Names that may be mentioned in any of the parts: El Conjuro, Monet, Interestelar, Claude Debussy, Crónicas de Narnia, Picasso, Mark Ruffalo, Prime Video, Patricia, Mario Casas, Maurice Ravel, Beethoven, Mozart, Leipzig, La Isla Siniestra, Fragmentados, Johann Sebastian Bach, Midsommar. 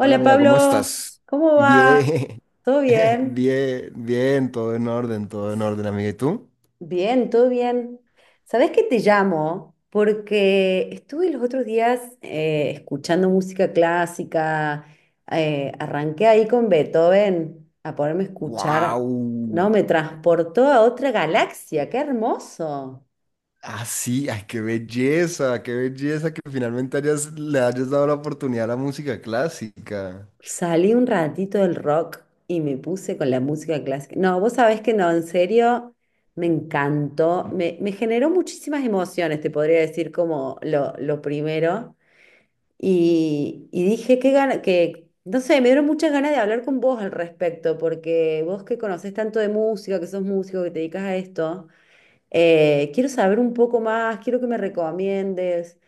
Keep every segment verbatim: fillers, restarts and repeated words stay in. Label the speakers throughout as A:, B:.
A: Hola amiga, ¿cómo
B: Pablo,
A: estás?
B: ¿cómo va?
A: Bien,
B: ¿Todo bien?
A: bien, bien, todo en orden, todo en orden, amiga. ¿Y tú?
B: Bien, todo bien. ¿Sabés que te llamo? Porque estuve los otros días eh, escuchando música clásica, eh, arranqué ahí con Beethoven a ponerme a escuchar. No,
A: ¡Wow!
B: me transportó a otra galaxia, qué hermoso.
A: Así, ay, qué belleza, qué belleza que finalmente hayas, le hayas dado la oportunidad a la música clásica.
B: Salí un ratito del rock y me puse con la música clásica. No, vos sabés que no, en serio, me encantó. Me, me generó muchísimas emociones, te podría decir como lo, lo primero. Y, y dije que gana, que, no sé, me dieron muchas ganas de hablar con vos al respecto, porque vos que conocés tanto de música, que sos músico, que te dedicas a esto, eh, quiero saber un poco más, quiero que me recomiendes.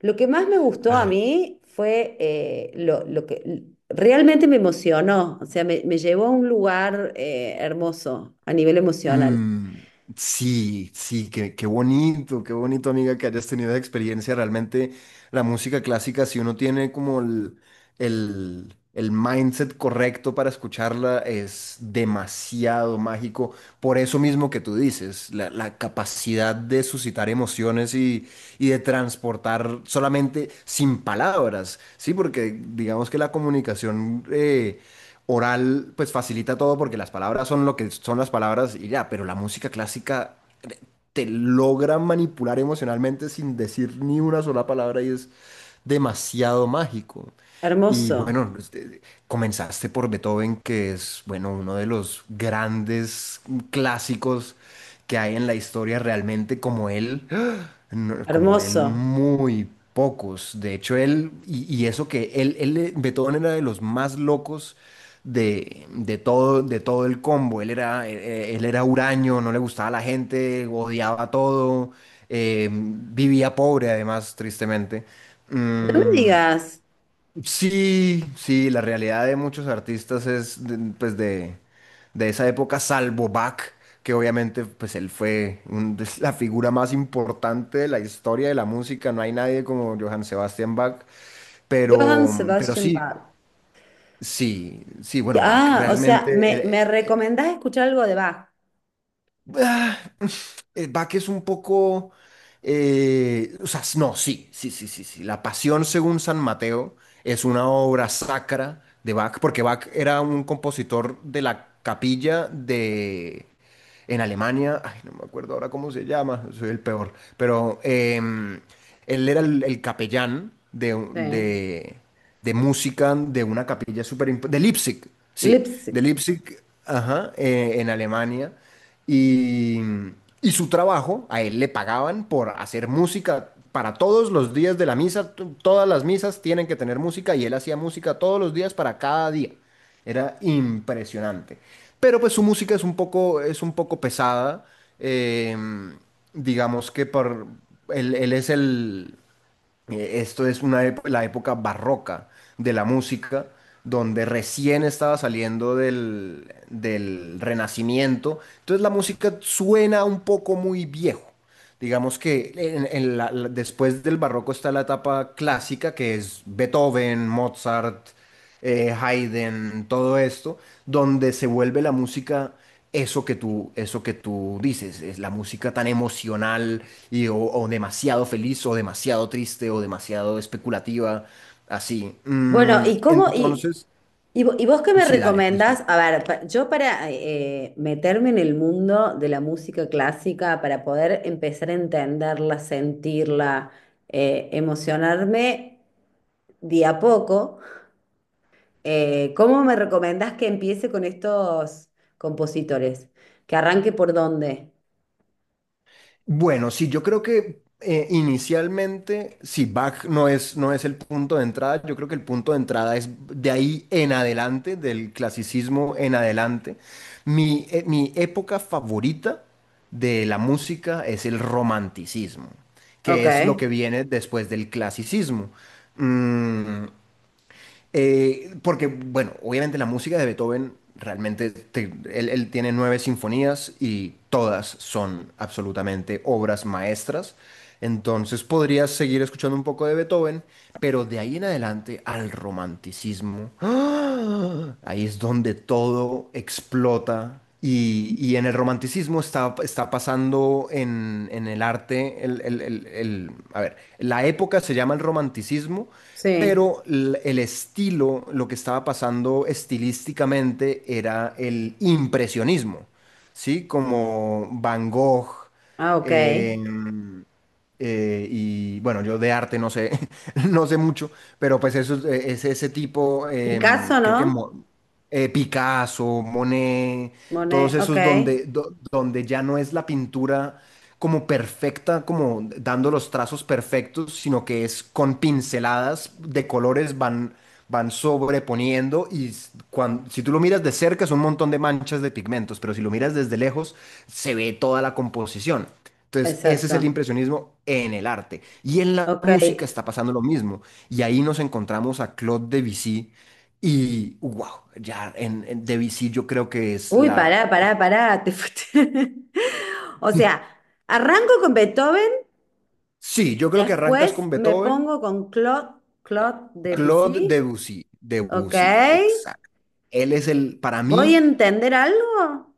B: Lo que más me gustó a mí fue eh, lo, lo que... Realmente me emocionó, o sea, me, me llevó a un lugar eh, hermoso a nivel emocional.
A: Mm, sí, sí, qué, qué bonito, qué bonito, amiga, que hayas tenido esa experiencia. Realmente la música clásica, si uno tiene como el, el, el mindset correcto para escucharla, es demasiado mágico. Por eso mismo que tú dices, la, la capacidad de suscitar emociones y, y de transportar solamente sin palabras, ¿sí? Porque digamos que la comunicación eh, oral pues facilita todo porque las palabras son lo que son las palabras y ya, pero la música clásica te logra manipular emocionalmente sin decir ni una sola palabra y es demasiado mágico. Y
B: Hermoso,
A: bueno, este, comenzaste por Beethoven, que es, bueno, uno de los grandes clásicos que hay en la historia realmente como él no- como él,
B: hermoso.
A: muy pocos. De hecho, él, y, y eso que él, él, eh, Beethoven era de los más locos de, de todo, de todo el combo. Él era, eh, eh, él era huraño, no le gustaba la gente, odiaba todo, eh, vivía pobre además, tristemente.
B: No me
A: Mm,
B: digas.
A: sí, sí, la realidad de muchos artistas es de- pues de, de esa época, salvo Bach, que obviamente pues él fue un- es la figura más importante de la historia de la música, no hay nadie como Johann Sebastian Bach,
B: Johann
A: pero, pero,
B: Sebastian
A: sí,
B: Bach.
A: sí, sí, bueno, Bach
B: Ah, o sea, me,
A: realmente,
B: me recomendás escuchar algo de Bach.
A: él- eh, Bach es un poco, eh, o sea, no, sí, sí, sí, sí, sí. La Pasión según San Mateo es una obra sacra de Bach, porque Bach era un compositor de la capilla de, en Alemania, ay, no me acuerdo ahora cómo se llama, soy el peor, pero em, él era el, el capellán de, un-
B: Sí.
A: de, de música de una capilla súper importante, de Leipzig, sí, de
B: Leipzig.
A: Leipzig, ajá, eh, en Alemania, y, y su trabajo, a él le pagaban por hacer música. Para todos los días de la misa, t- todas las misas tienen que tener música y él hacía música todos los días para cada día. Era impresionante. Pero pues su música es un poco, es un poco pesada. eh, digamos que por, él, él es el. eh, Esto es una, ép- la época barroca de la música, donde recién estaba saliendo del, del Renacimiento. Entonces la música suena un poco muy viejo. Digamos que en- en la- la- después del barroco está la etapa clásica, que es Beethoven, Mozart, eh, Haydn, todo esto, donde se vuelve la música eso que tú, eso que tú dices, es la música tan emocional y o, o demasiado feliz o demasiado triste o demasiado especulativa, así.
B: Bueno,
A: Mm,
B: ¿y cómo? ¿Y,
A: entonces,
B: y, vo- y vos qué me
A: sí, dale,
B: recomendás?
A: disculpa.
B: A ver, pa- yo para eh, meterme en el mundo de la música clásica, para poder empezar a entenderla, sentirla, eh, emocionarme. De a poco, eh, ¿cómo me recomendás que empiece con estos compositores? ¿Que arranque por dónde?
A: Bueno, sí, yo creo que eh, inicialmente, si Bach no es, no es el punto de entrada, yo creo que el punto de entrada es de ahí en adelante, del clasicismo en adelante. Mi, eh, mi época favorita de la música es el romanticismo,
B: Ok,
A: que es lo que viene después del clasicismo. Mm, eh, Porque, bueno, obviamente la música de Beethoven realmente, te- él, él tiene nueve sinfonías y todas son absolutamente obras maestras. Entonces podrías seguir escuchando un poco de Beethoven, pero de ahí en adelante al romanticismo. ¡Ah! Ahí es donde todo explota. Y, y en el romanticismo está, está pasando en, en el arte, el, el- el- el- a ver, la época se llama el romanticismo,
B: sí.
A: pero l- el estilo, lo que estaba pasando estilísticamente era el impresionismo, ¿sí? Como Van Gogh.
B: Ah, ok.
A: em, eh, y bueno, yo de arte no sé, no sé mucho, pero pues eso es, eh, es ese tipo, em,
B: Picasso,
A: creo que
B: ¿no?
A: Mo- eh, Picasso, Monet, todos
B: Monet, ok.
A: esos donde, do- donde ya no es la pintura como perfecta, como dando los trazos perfectos, sino que es con pinceladas de colores van, van, sobreponiendo y s- cuan- si tú lo miras de cerca es un montón de manchas de pigmentos, pero si lo miras desde lejos se ve toda la composición. Entonces, ese es el
B: Exacto.
A: impresionismo en el arte. Y en la
B: Ok.
A: música está pasando lo mismo. Y ahí nos encontramos a Claude Debussy. Y, wow, ya en, en Debussy yo creo que es
B: Uy,
A: la.
B: pará, pará, pará, te fuiste. O sea, arranco con Beethoven,
A: Sí, yo creo que arrancas
B: después
A: con
B: me
A: Beethoven.
B: pongo con Claude, Claude
A: Claude
B: Debussy,
A: Debussy.
B: ok.
A: Debussy, exacto. Él es el, para
B: ¿Voy a
A: mí,
B: entender algo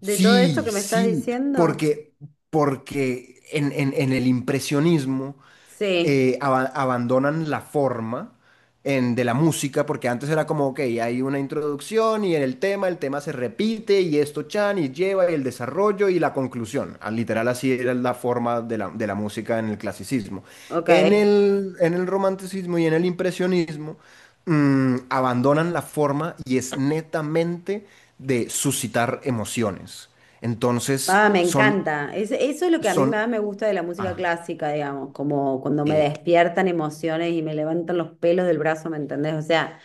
B: de todo esto
A: sí,
B: que me estás
A: sí,
B: diciendo?
A: porque, porque en, en en el impresionismo.
B: Sí,
A: Eh, aba- abandonan la forma en- de la música, porque antes era como, ok, hay una introducción y en el tema, el tema se repite y esto chan y lleva y el desarrollo y la conclusión. Ah, literal así era la forma de la, de la música en el clasicismo.
B: ok.
A: En el, en el romanticismo y en el impresionismo, mm, abandonan la forma y es netamente de suscitar emociones. Entonces,
B: Ah, me
A: son,
B: encanta. Es- eso es lo que a mí
A: son,
B: más me gusta de la música
A: ah,
B: clásica, digamos, como cuando me
A: eh,
B: despiertan emociones y me levantan los pelos del brazo, ¿me entendés? O sea,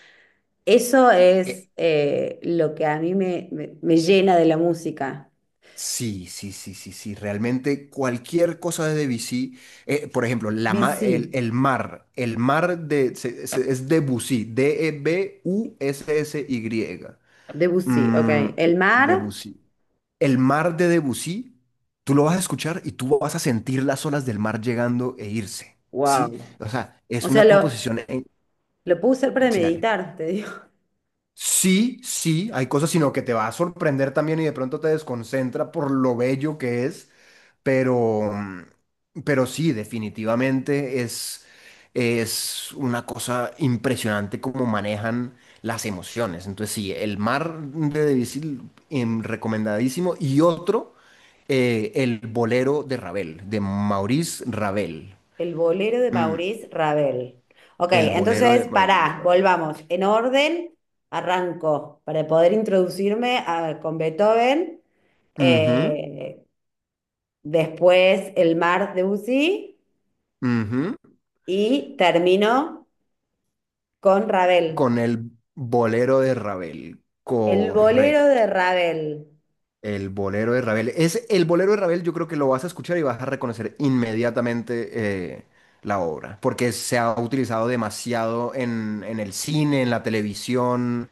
B: eso es
A: e-
B: eh, lo que a mí me, me, me llena de la música.
A: sí, sí, sí, sí, sí. Realmente cualquier cosa de Debussy, eh, por ejemplo, la ma- el,
B: Debussy,
A: el mar, el mar de, se- se- es Debussy, D E B U S S Y.
B: Debussy, ok.
A: Mm,
B: El mar,
A: Debussy. El mar de Debussy, tú lo vas a escuchar y tú vas a sentir las olas del mar llegando e irse, ¿sí?
B: wow.
A: O sea,
B: O
A: es
B: sea,
A: una
B: lo,
A: composición. En,
B: lo puedo usar para
A: sí, dale.
B: meditar, te digo.
A: Sí, sí, hay cosas, sino que te va a sorprender también y de pronto te desconcentra por lo bello que es, pero, mm, pero sí, definitivamente es, es una cosa impresionante cómo manejan las emociones. Entonces sí, el mar de Debussy, em, recomendadísimo, y otro, eh, el bolero de Ravel, de Maurice Ravel.
B: El bolero de
A: Mm,
B: Maurice Ravel. Ok,
A: el bolero de
B: entonces,
A: Maurice
B: pará,
A: Ravel.
B: volvamos. En orden, arranco para poder introducirme a- con Beethoven.
A: Ujú,
B: eh, Después el mar de Debussy
A: ujú.
B: y termino con
A: Con
B: Ravel.
A: el bolero de Ravel,
B: El bolero de
A: correcto.
B: Ravel.
A: El bolero de Ravel. Es el bolero de Ravel, yo creo que lo vas a escuchar y vas a reconocer inmediatamente eh, la obra, porque se ha utilizado demasiado en, en el cine, en la televisión.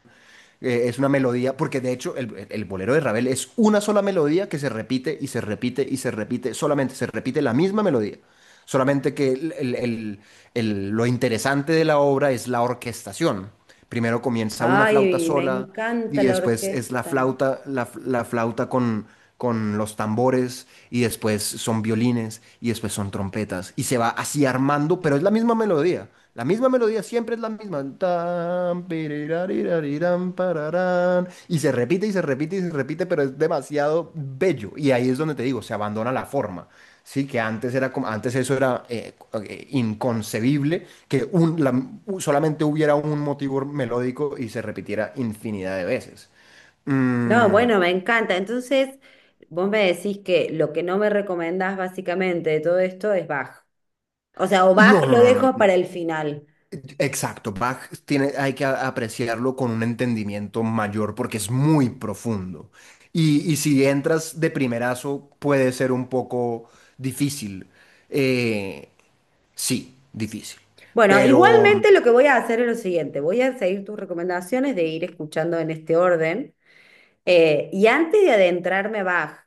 A: eh, Es una melodía, porque de hecho el, el bolero de Ravel es una sola melodía que se repite y se repite y se repite, solamente se repite la misma melodía. Solamente que el- el- el- el- lo interesante de la obra es la orquestación. Primero comienza una flauta
B: Ay, me
A: sola y
B: encanta la
A: después es la
B: orquesta.
A: flauta, la, la flauta con, con los tambores y después son violines y después son trompetas y se va así armando, pero es la misma melodía. La misma melodía siempre es la misma. Tan, pirirarirarirán, pararán. Y se repite y se repite y se repite, pero es demasiado bello. Y ahí es donde te digo, se abandona la forma. Sí, que antes era como, antes eso era eh, eh, inconcebible que un, la- solamente hubiera un motivo melódico y se repitiera infinidad de veces.
B: No,
A: Mm,
B: bueno, me encanta. Entonces, vos me decís que lo que no me recomendás básicamente de todo esto es Bach. O sea, o bajo
A: no, no,
B: lo
A: no, no,
B: dejo
A: no.
B: para el final.
A: Exacto, Bach tiene, hay que a- apreciarlo con un entendimiento mayor porque es muy profundo. Y, y si entras de primerazo puede ser un poco difícil. Eh, sí, difícil.
B: Bueno,
A: Pero mm,
B: igualmente lo que voy a hacer es lo siguiente: voy a seguir tus recomendaciones de ir escuchando en este orden. Eh, y antes de adentrarme a Bach,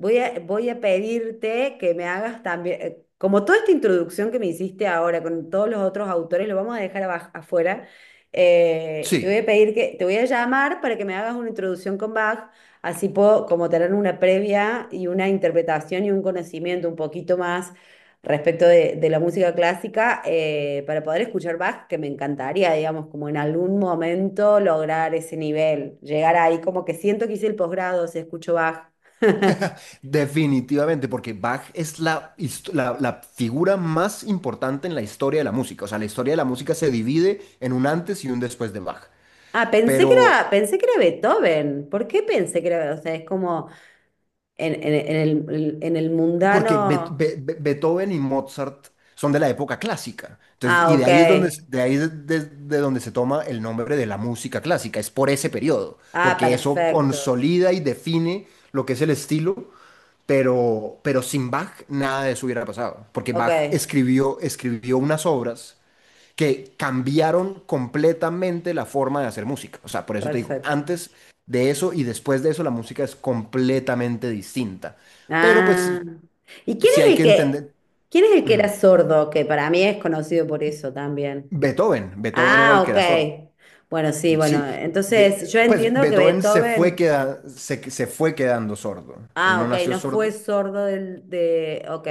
B: Voy a, voy a pedirte que me hagas también, eh, como toda esta introducción que me hiciste ahora con todos los otros autores, lo vamos a dejar abaj- afuera, eh, y te voy a
A: sí.
B: pedir que, te voy a llamar para que me hagas una introducción con Bach, así puedo como tener una previa y una interpretación y un conocimiento un poquito más respecto de, de la música clásica, eh, para poder escuchar Bach, que me encantaría, digamos, como en algún momento lograr ese nivel, llegar ahí, como que siento que hice el posgrado si escucho Bach.
A: Definitivamente, porque Bach es la, hist- la, la figura más importante en la historia de la música. O sea, la historia de la música se divide en un antes y un después de Bach.
B: Ah, pensé que
A: Pero
B: era, pensé que era Beethoven. ¿Por qué pensé que era? O sea, es como en, en- en el, en el
A: porque Be-
B: mundano.
A: Be- Be- Beethoven y Mozart son de la época clásica. Entonces,
B: Ah,
A: y de
B: ok.
A: ahí es donde, se- de ahí es de, de donde se toma el nombre de la música clásica. Es por ese periodo,
B: Ah,
A: porque eso
B: perfecto.
A: consolida y define lo que es el estilo. Pero, pero sin Bach nada de eso hubiera pasado, porque
B: Ok,
A: Bach escribió, escribió unas obras que cambiaron completamente la forma de hacer música. O sea, por eso te digo,
B: perfecto.
A: antes de eso y después de eso la música es completamente distinta. Pero
B: Ah.
A: pues
B: ¿Y quién
A: sí hay
B: es el
A: que
B: que,
A: entender.
B: quién es el que era
A: Ujú.
B: sordo? Que para mí es conocido por eso también.
A: Beethoven, Beethoven era el
B: Ah,
A: que
B: ok.
A: era sordo.
B: Bueno, sí, bueno.
A: Sí,
B: Entonces,
A: de-
B: yo
A: pues
B: entiendo que
A: Beethoven se fue,
B: Beethoven.
A: queda- se, se fue quedando sordo. Él
B: Ah,
A: no
B: ok,
A: nació
B: no fue
A: sordo,
B: sordo del, de. Ok.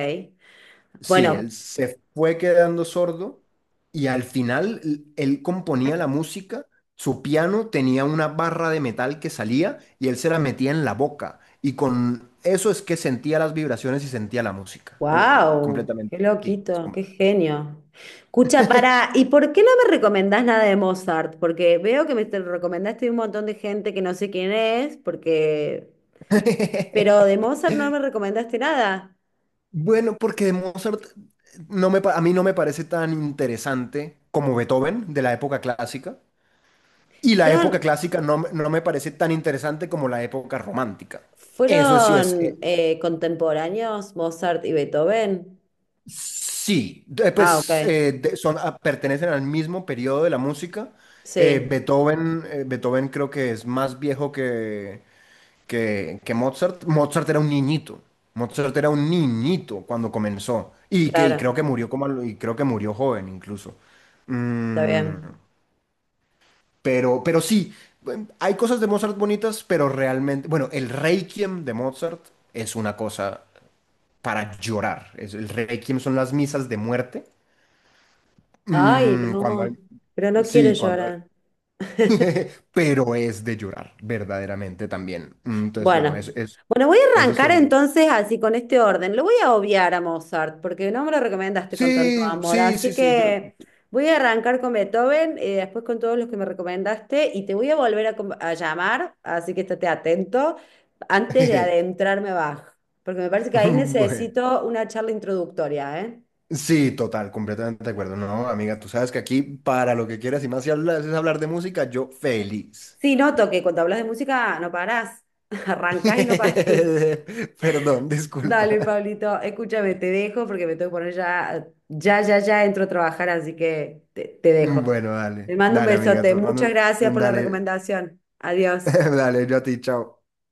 A: sí,
B: Bueno.
A: él se fue quedando sordo y al final l- él componía la música, su piano tenía una barra de metal que salía y él se la metía en la boca y con eso es que sentía las vibraciones y sentía la música. Eh, eh,
B: Wow, qué
A: Completamente. Sí, es
B: loquito,
A: com-
B: qué genio. Escucha, para, ¿y por qué no me recomendás nada de Mozart? Porque veo que me te recomendaste un montón de gente que no sé quién es, porque... pero de Mozart no me recomendaste nada.
A: Bueno, porque de Mozart no me, pa- a mí no me parece tan interesante como Beethoven de la época clásica y la
B: ¿Fueron,
A: época clásica no, me- no me parece tan interesante como la época romántica. Eso sí es, eh,
B: ¿fueron eh, contemporáneos Mozart y Beethoven?
A: sí, de-
B: Ah, ok.
A: pues eh, de- son, ah, pertenecen al mismo periodo de la música. Eh,
B: Sí,
A: Beethoven, eh, Beethoven creo que es más viejo que, que, que Mozart. Mozart era un niñito. Mozart era un niñito cuando comenzó. Y, que, y
B: claro,
A: creo que murió como, a lo- y creo que murió joven incluso.
B: está
A: Mm,
B: bien.
A: pero, pero sí, bueno, hay cosas de Mozart bonitas, pero realmente, bueno, el Requiem de Mozart es una cosa para llorar. Es, el Requiem son las misas de muerte.
B: Ay,
A: Mm, cuando
B: no,
A: hay-
B: pero no quiero
A: sí, cuando hay-
B: llorar.
A: pero es de llorar, verdaderamente también. Mm, Entonces, bueno, eso,
B: Bueno,
A: eso,
B: bueno, voy a
A: eso
B: arrancar
A: sería.
B: entonces así con este orden. Lo voy a obviar a Mozart porque no me lo recomendaste con tanto
A: Sí,
B: amor,
A: sí, sí,
B: así
A: sí, yo.
B: que voy a arrancar con Beethoven, eh, después con todos los que me recomendaste y te voy a volver a, com- a llamar, así que estate atento antes de adentrarme a Bach, porque me parece que ahí
A: Bueno,
B: necesito una charla introductoria, ¿eh?
A: sí, total, completamente de acuerdo. No, amiga, tú sabes que aquí para lo que quieras y más si hablas es hablar de música, yo feliz.
B: Sí, noto que cuando hablas de música no parás, arrancás y no parás.
A: Perdón, disculpa.
B: Dale, Pablito, escúchame, te dejo porque me tengo que poner ya, ya, ya, ya entro a trabajar, así que te, te dejo.
A: Bueno, dale,
B: Te mando un
A: dale, amiga,
B: besote.
A: tú
B: Muchas
A: mando
B: gracias
A: un-
B: por la
A: dale,
B: recomendación. Adiós.
A: dale, yo a ti, chao.